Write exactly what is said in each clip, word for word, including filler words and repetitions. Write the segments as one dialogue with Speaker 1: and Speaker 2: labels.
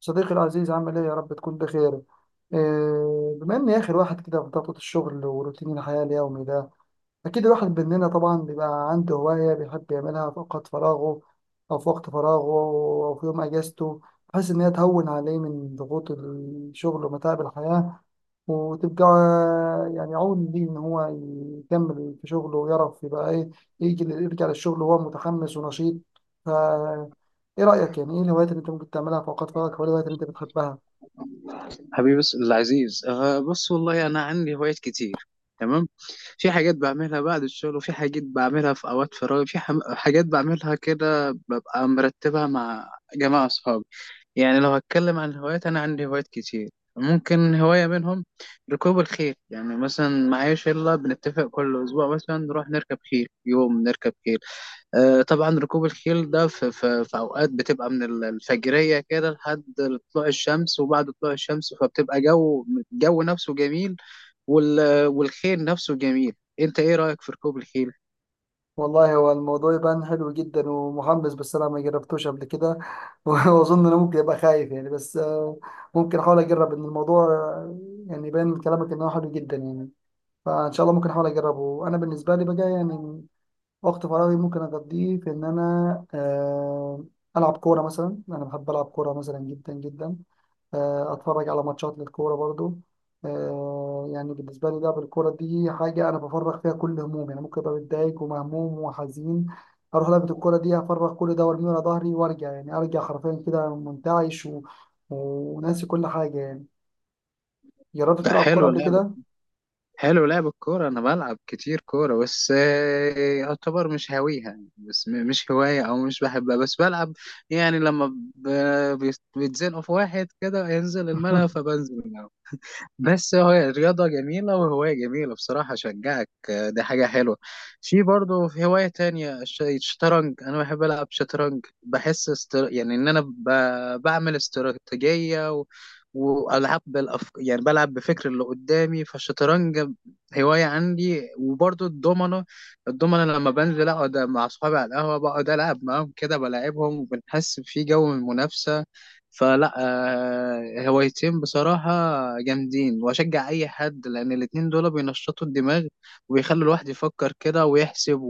Speaker 1: صديقي العزيز، عامل ايه؟ يا رب تكون بخير. إيه بما اني اخر واحد كده في ضغطة الشغل وروتين الحياة اليومي ده، أكيد الواحد مننا طبعا بيبقى عنده هواية بيحب يعملها في أوقات فراغه أو في وقت فراغه أو في يوم أجازته، بحيث إن هي تهون عليه من ضغوط الشغل ومتاعب الحياة، وتبقى يعني عون ليه إن هو يكمل في شغله ويعرف يبقى إيه، يجي يرجع للشغل وهو متحمس ونشيط. فا إيه رأيك؟ يعني إيه الهوايات اللي أنت ممكن تعملها في أوقات فراغك، أو الهوايات اللي أنت بتحبها؟
Speaker 2: حبيبي بس العزيز آه بص، والله انا عندي هوايات كتير. تمام. في حاجات بعملها بعد الشغل وفي حاجات بعملها في اوقات فراغي، في حم- حاجات بعملها كده ببقى مرتبها مع جماعة اصحابي. يعني لو هتكلم عن هوايات، انا عندي هوايات كتير. ممكن هواية منهم ركوب الخيل. يعني مثلا معايا شلة بنتفق كل أسبوع مثلا نروح نركب خيل، يوم نركب خيل. آه، طبعا ركوب الخيل ده في, في, في اوقات بتبقى من ال- الفجريه كده لحد طلوع الشمس، وبعد طلوع الشمس فبتبقى جو. الجو نفسه جميل. وال والخيل نفسه جميل. انت ايه رايك في ركوب الخيل؟
Speaker 1: والله هو الموضوع يبان حلو جدا ومحمس، بس انا ما جربتوش قبل كده. واظن انا ممكن ابقى خايف يعني، بس آه، ممكن احاول اجرب ان الموضوع آه، يعني يبان من كلامك ان هو حلو جدا يعني، فان شاء الله ممكن احاول اجربه. انا بالنسبه لي بقى يعني، وقت فراغي ممكن اقضيه في ان انا آه، العب كوره مثلا. انا بحب العب كوره مثلا جدا جدا. آه، اتفرج على ماتشات للكوره برضو. آه، يعني بالنسبه لي لعب الكوره دي حاجه انا بفرغ فيها كل همومي. انا ممكن ابقى متضايق ومهموم وحزين، اروح لعبه الكوره دي افرغ كل ده وارميه على ظهري، وارجع يعني ارجع حرفيا كده منتعش و... وناسي كل حاجه يعني. جربت
Speaker 2: ده
Speaker 1: تلعب كوره
Speaker 2: حلو
Speaker 1: قبل
Speaker 2: لعب.
Speaker 1: كده؟
Speaker 2: حلو لعب الكوره. انا بلعب كتير كوره بس آه، يعتبر مش هاويها يعني، بس م- مش هوايه او مش بحبها، بس بلعب. يعني لما ب- بيت- بيتزنقوا في واحد كده ينزل الملعب فبنزل الملعب. بس هو الرياضة جميلة وهواية جميلة، بصراحة أشجعك. آه، دي حاجة حلوة. في برضه في هواية تانية، الش- الشطرنج. أنا بحب ألعب شطرنج، بحس استر... يعني إن أنا ب... بعمل استراتيجية و... وألعب بالأف... يعني بلعب بفكر اللي قدامي. فالشطرنج هواية عندي، وبرضه الضمنة. الضمنة لما بنزل أقعد مع أصحابي على القهوة، بقعد ألعب معاهم كده بلاعبهم، وبنحس في جو من المنافسة. فلا آه، هوايتين بصراحة جامدين، وأشجع أي حد، لأن الاتنين دول بينشطوا الدماغ وبيخلوا الواحد يفكر كده ويحسب.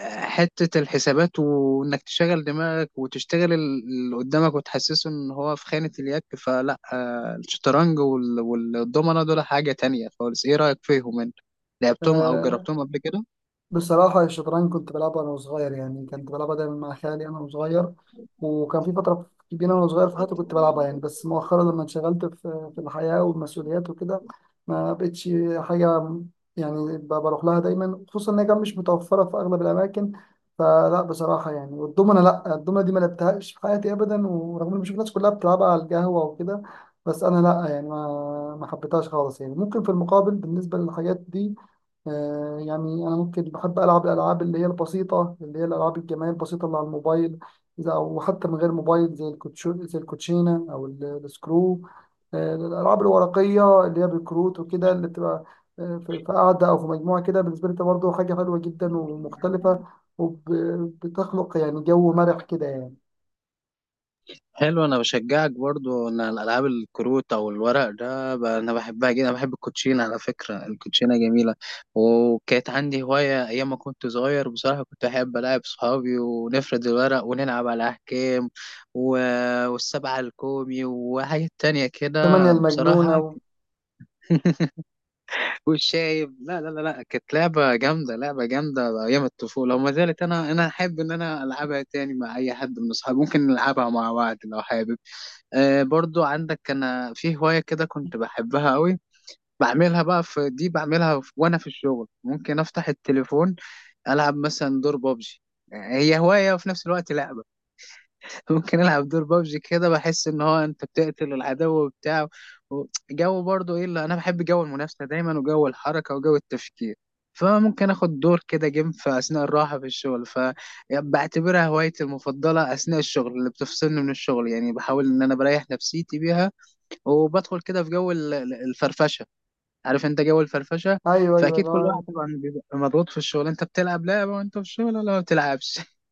Speaker 2: وحتة الحسابات وإنك تشغل دماغك وتشتغل ال- اللي قدامك وتحسسه إن هو في خانة اليك. فلا آه، الشطرنج وال- والضمنة دول حاجة تانية خالص. إيه رأيك فيهم أنت؟ لعبتهم أو جربتهم قبل كده؟
Speaker 1: بصراحة الشطرنج كنت بلعبها وأنا صغير، يعني كنت بلعبها دايما مع خالي أنا وصغير، وكان في فترة كبيرة وأنا صغير في حياتي كنت بلعبها يعني، بس مؤخرا لما انشغلت في في الحياة والمسؤوليات وكده، ما بقتش حاجة يعني ب- بروح لها دايما، خصوصا إن هي كانت مش متوفرة في أغلب الأماكن. فلا بصراحة يعني، والدومنة، لا الدومنة دي ما لعبتهاش في حياتي أبدا، ورغم إن بشوف الناس كلها بتلعبها على القهوة وكده، بس أنا لا يعني ما ما حبيتهاش خالص يعني. ممكن في المقابل بالنسبة للحاجات دي، آه، يعني أنا ممكن بحب ألعب الألعاب اللي هي البسيطة، اللي هي الألعاب الجماعية البسيطة اللي على الموبايل، إذا أو حتى من غير موبايل، زي الكوتشو، زي الكوتشينة، أو ال- السكرو. آه، الألعاب الورقية اللي هي بالكروت وكده، اللي بتبقى آه، في في قعدة أو في مجموعة كده، بالنسبة لي ده برضه حاجة حلوة جدا ومختلفة، وبتخلق يعني جو مرح كده يعني.
Speaker 2: حلو. انا بشجعك برضو ان الالعاب الكروت او الورق ده ب- انا بحبها جدا. انا بحب الكوتشينه، على فكره الكوتشينه جميله. وكانت عندي هوايه ايام ما كنت صغير، بصراحه كنت احب العب صحابي ونفرد الورق ونلعب على احكام و... والسبعه الكومي وحاجات تانية
Speaker 1: ثمانية
Speaker 2: كده
Speaker 1: المجنونة
Speaker 2: بصراحه.
Speaker 1: و...
Speaker 2: والشايب. لا لا لا لا، كانت لعبه جامده، لعبه جامده ايام الطفوله وما زالت. انا انا احب ان انا العبها تاني مع اي حد من اصحابي، ممكن نلعبها مع بعض لو حابب. آه برضو عندك، انا في هواية كده كنت بحبها قوي، بعملها بقى في دي، بعملها في وانا في الشغل. ممكن افتح التليفون، العب مثلا دور بابجي. هي هواية وفي نفس الوقت لعبة. ممكن العب دور بابجي كده، بحس ان هو انت بتقتل العدو وبتاع و- جو. برضو ايه اللي انا بحب، جو المنافسة دايما وجو الحركة وجو التفكير. فممكن اخد دور كده جيم في اثناء الراحة في الشغل. فبعتبرها هوايتي المفضلة اثناء الشغل، اللي بتفصلني من الشغل يعني، بحاول ان انا بريح نفسيتي بيها، وبدخل كده في جو ال- ال- الفرفشه. عارف انت جو الفرفشه؟
Speaker 1: أيوه، أيوه
Speaker 2: فاكيد كل واحد
Speaker 1: ده.
Speaker 2: طبعا بيبقى مضغوط في الشغل. انت بتلعب لعبه وانت في الشغل ولا ما بتلعبش؟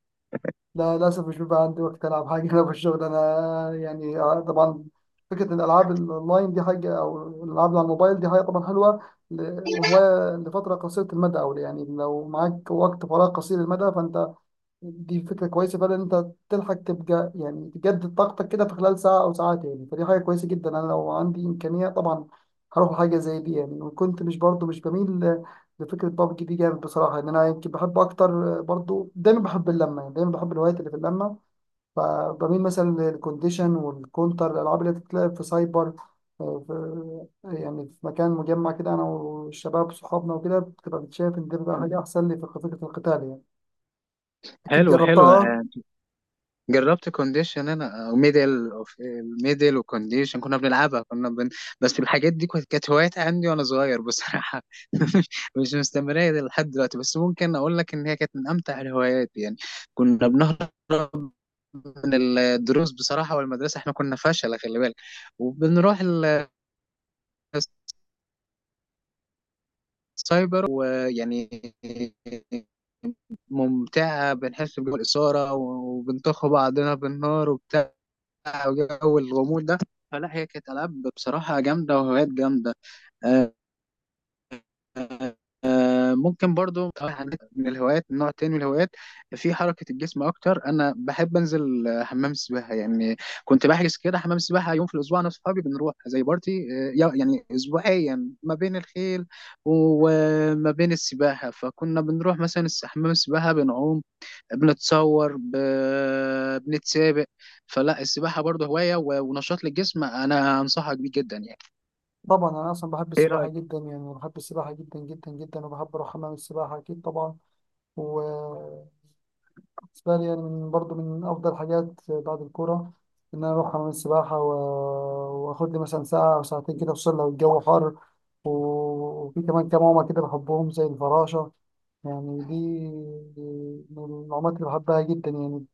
Speaker 1: لا للأسف مش بيبقى عندي وقت ألعب حاجة. أنا في الشغل أنا يعني آه، طبعا فكرة إن الألعاب الأونلاين دي حاجة، أو الألعاب اللي على الموبايل دي حاجة طبعا حلوة، ل- وهواية لفترة قصيرة المدى، أو يعني لو معاك وقت فراغ قصير المدى فأنت، دي فكرة كويسة فعلا إن أنت تلحق تبقى يعني تجدد طاقتك كده في خلال ساعة أو ساعتين. فدي حاجة كويسة جدا. أنا لو عندي إمكانية طبعا هروح حاجة زي دي يعني. وكنت مش برضو مش بميل ل- لفكرة بابجي دي جامد بصراحة، إن أنا يمكن بحب أكتر برضو. دايما بحب اللمة يعني، دايما بحب الهوايات اللي في اللمة، فبميل مثلا للكونديشن والكونتر، الألعاب اللي بتتلعب في سايبر، آه، في يعني في مكان مجمع كده أنا والشباب صحابنا وكده، بتبقى بتشاف إن ده بيبقى حاجة أحسن لي في فكرة القتال يعني. أكيد
Speaker 2: حلو حلو.
Speaker 1: جربتها.
Speaker 2: جربت كونديشن انا او ميدل اوف الميدل وكونديشن، كنا بنلعبها، كنا بن... بس الحاجات دي كانت كانت هوايات عندي وانا صغير بصراحه. مش مستمرة لحد دلوقتي، بس ممكن اقول لك ان هي كانت من امتع الهوايات يعني. كنا بنهرب من الدروس بصراحه والمدرسه، احنا كنا فشله خلي بالك. وبنروح ال... سايبر ويعني ممتعة، بنحس بجو الإثارة، وبنطخوا بعضنا بالنار وبتاع، وجو الغموض ده. فلا هي كانت ألعاب بصراحة جامدة وهوايات جامدة. آه، ممكن برضو عندك من الهوايات نوع تاني من الهوايات في حركة الجسم أكتر. أنا بحب أنزل آه، حمام سباحة يعني. كنت بحجز كده حمام سباحة يوم في الأسبوع، أنا وصحابي بنروح زي بارتي. آه، يا- يعني أسبوعيا ما بين الخيل وما بين السباحة. فكنا بنروح مثلا الس- حمام السباحة، بنعوم، بنتصور، ب- بنتسابق. فلا السباحة برضو هواية و- ونشاط للجسم، أنا أنصحك بيه جدا يعني.
Speaker 1: طبعا انا اصلا بحب
Speaker 2: إيه
Speaker 1: السباحه
Speaker 2: رأيك؟
Speaker 1: جدا يعني، بحب السباحه جدا جدا جدا، وبحب اروح حمام السباحه اكيد طبعا. وبالنسبه لي يعني، من برضو من افضل حاجات بعد الكوره ان انا اروح حمام السباحه و... واخد لي مثلا ساعه او ساعتين كده، خصوصا لو الجو حر، و... وفي كمان كام عومه كده بحبهم، زي الفراشه يعني، دي من العومات اللي بحبها جدا يعني.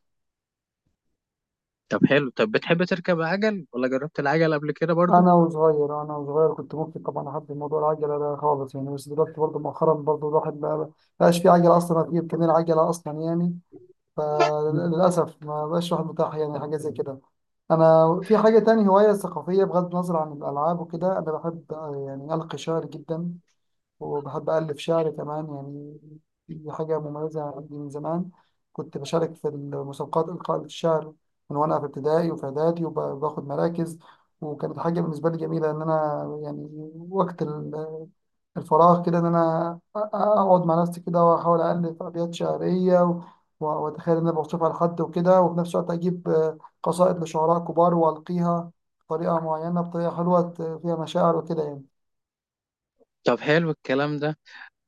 Speaker 2: طب حلو. طب بتحب تركب عجل ولا جربت العجل قبل كده برضو؟
Speaker 1: انا وصغير، انا وصغير كنت ممكن طبعا احب موضوع العجله ده خالص يعني، بس دلوقتي برضه مؤخرا برضه الواحد بقى بقاش في عجله اصلا، ما في امكانيه العجله اصلا يعني، فللاسف ما بقاش الواحد متاح يعني حاجه زي كده. انا في حاجه تاني، هوايه ثقافيه بغض النظر عن الالعاب وكده، انا بحب آه، يعني القي شعر جدا، وبحب ألف شعر كمان يعني. دي حاجة مميزة عندي من زمان، كنت بشارك في المسابقات إلقاء الشعر من وأنا في ابتدائي وفي إعدادي وباخد مراكز. وكانت حاجة بالنسبة لي جميلة إن أنا يعني وقت ال- الفراغ كده، إن أنا أ- أقعد مع نفسي كده وأحاول ألف أبيات شعرية، و- وأتخيل إن أنا بوصفها لحد وكده، وفي نفس الوقت أجيب آه، قصائد لشعراء كبار وألقيها بطريقة معينة، بطريقة حلوة ت- فيها مشاعر وكده يعني.
Speaker 2: طب حلو الكلام ده.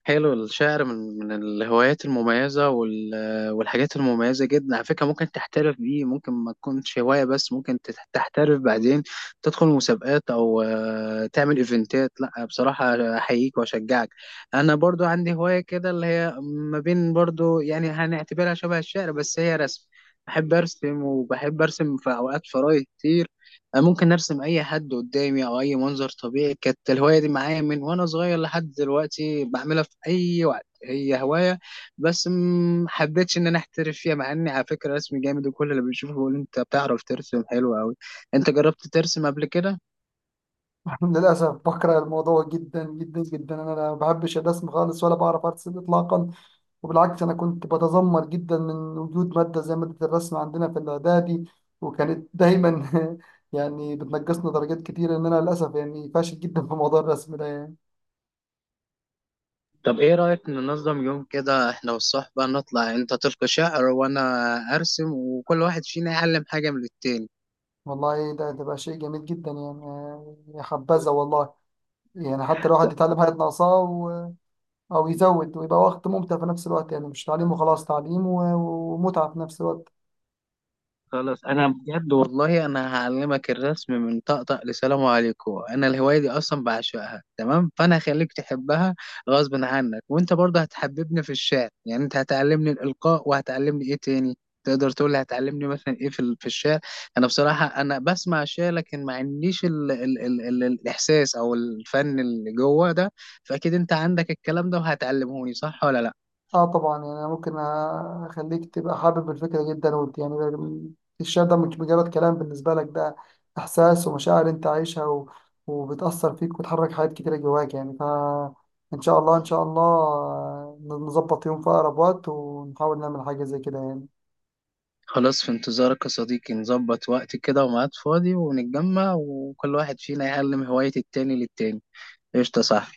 Speaker 2: حلو الشعر، من من الهوايات المميزة وال... والحاجات المميزة جدا. على فكرة ممكن تحترف بيه، ممكن ما تكونش هواية بس ممكن تت- تحترف بعدين، تدخل مسابقات أو آه، تعمل إيفنتات. لا بصراحة أحييك وأشجعك. أنا برضو عندي هواية كده، اللي هي ما بين برضو يعني هنعتبرها شبه الشعر، بس هي رسم. بحب أرسم، وبحب أرسم في أوقات فراغي كتير. انا ممكن ارسم اي حد قدامي او اي منظر طبيعي. كانت الهوايه دي معايا من وانا صغير لحد دلوقتي، بعملها في اي وقت، هي هوايه بس ما حبيتش ان انا احترف فيها، مع اني على فكره رسم جامد، وكل اللي بيشوفه بيقول انت بتعرف ترسم حلو قوي. انت جربت ترسم قبل كده؟
Speaker 1: للأسف بكره الموضوع جدا جدا جدا، أنا ما بحبش الرسم خالص ولا بعرف أرسم إطلاقا. وبالعكس أنا كنت بتذمر جدا من وجود مادة زي مادة الرسم عندنا في الإعدادي، وكانت دايما يعني بتنقصنا درجات كتير، إن أنا للأسف يعني فاشل جدا في موضوع الرسم ده يعني.
Speaker 2: طب ايه رايك ننظم يوم كده احنا والصحبه، نطلع انت تلقي شعر وانا ارسم، وكل واحد فينا يعلم حاجه من التاني.
Speaker 1: والله ده ده بقى شيء جميل جدا يعني، آه، يا حبذا والله، يعني حتى الواحد يتعلم حاجة ناقصاه و- أو يزود، ويبقى وقت ممتع في نفس الوقت يعني، مش تعليم وخلاص، تعليم و- ومتعة في نفس الوقت.
Speaker 2: خلاص. انا بجد والله انا هعلمك الرسم من طقطق لسلام عليكم. انا الهوايه دي اصلا بعشقها، تمام، فانا هخليك تحبها غصب عنك. وانت برضه هتحببني في الشعر، يعني انت هتعلمني الالقاء وهتعلمني ايه تاني؟ تقدر تقول لي هتعلمني مثلا ايه في ال- في الشعر؟ انا بصراحه انا بسمع الشعر لكن ما عنديش ال ال ال ال الاحساس او الفن اللي جوه ده. فاكيد انت عندك الكلام ده وهتعلمهوني، صح ولا لا؟
Speaker 1: اه طبعا يعني، أنا ممكن اخليك تبقى حابب الفكره جدا وت- يعني الشعر ده مش مجرد كلام بالنسبه لك، ده احساس ومشاعر انت عايشها، و... وبتاثر فيك وتحرك حاجات كتيره جواك يعني. ف ان شاء الله، ان شاء الله نظبط يوم في اقرب وقت ونحاول نعمل حاجه زي كده يعني.
Speaker 2: خلاص، في انتظارك يا صديقي. نظبط وقت كده وميعاد فاضي، ونتجمع، وكل واحد فينا يعلم هواية التاني للتاني. قشطة، صح؟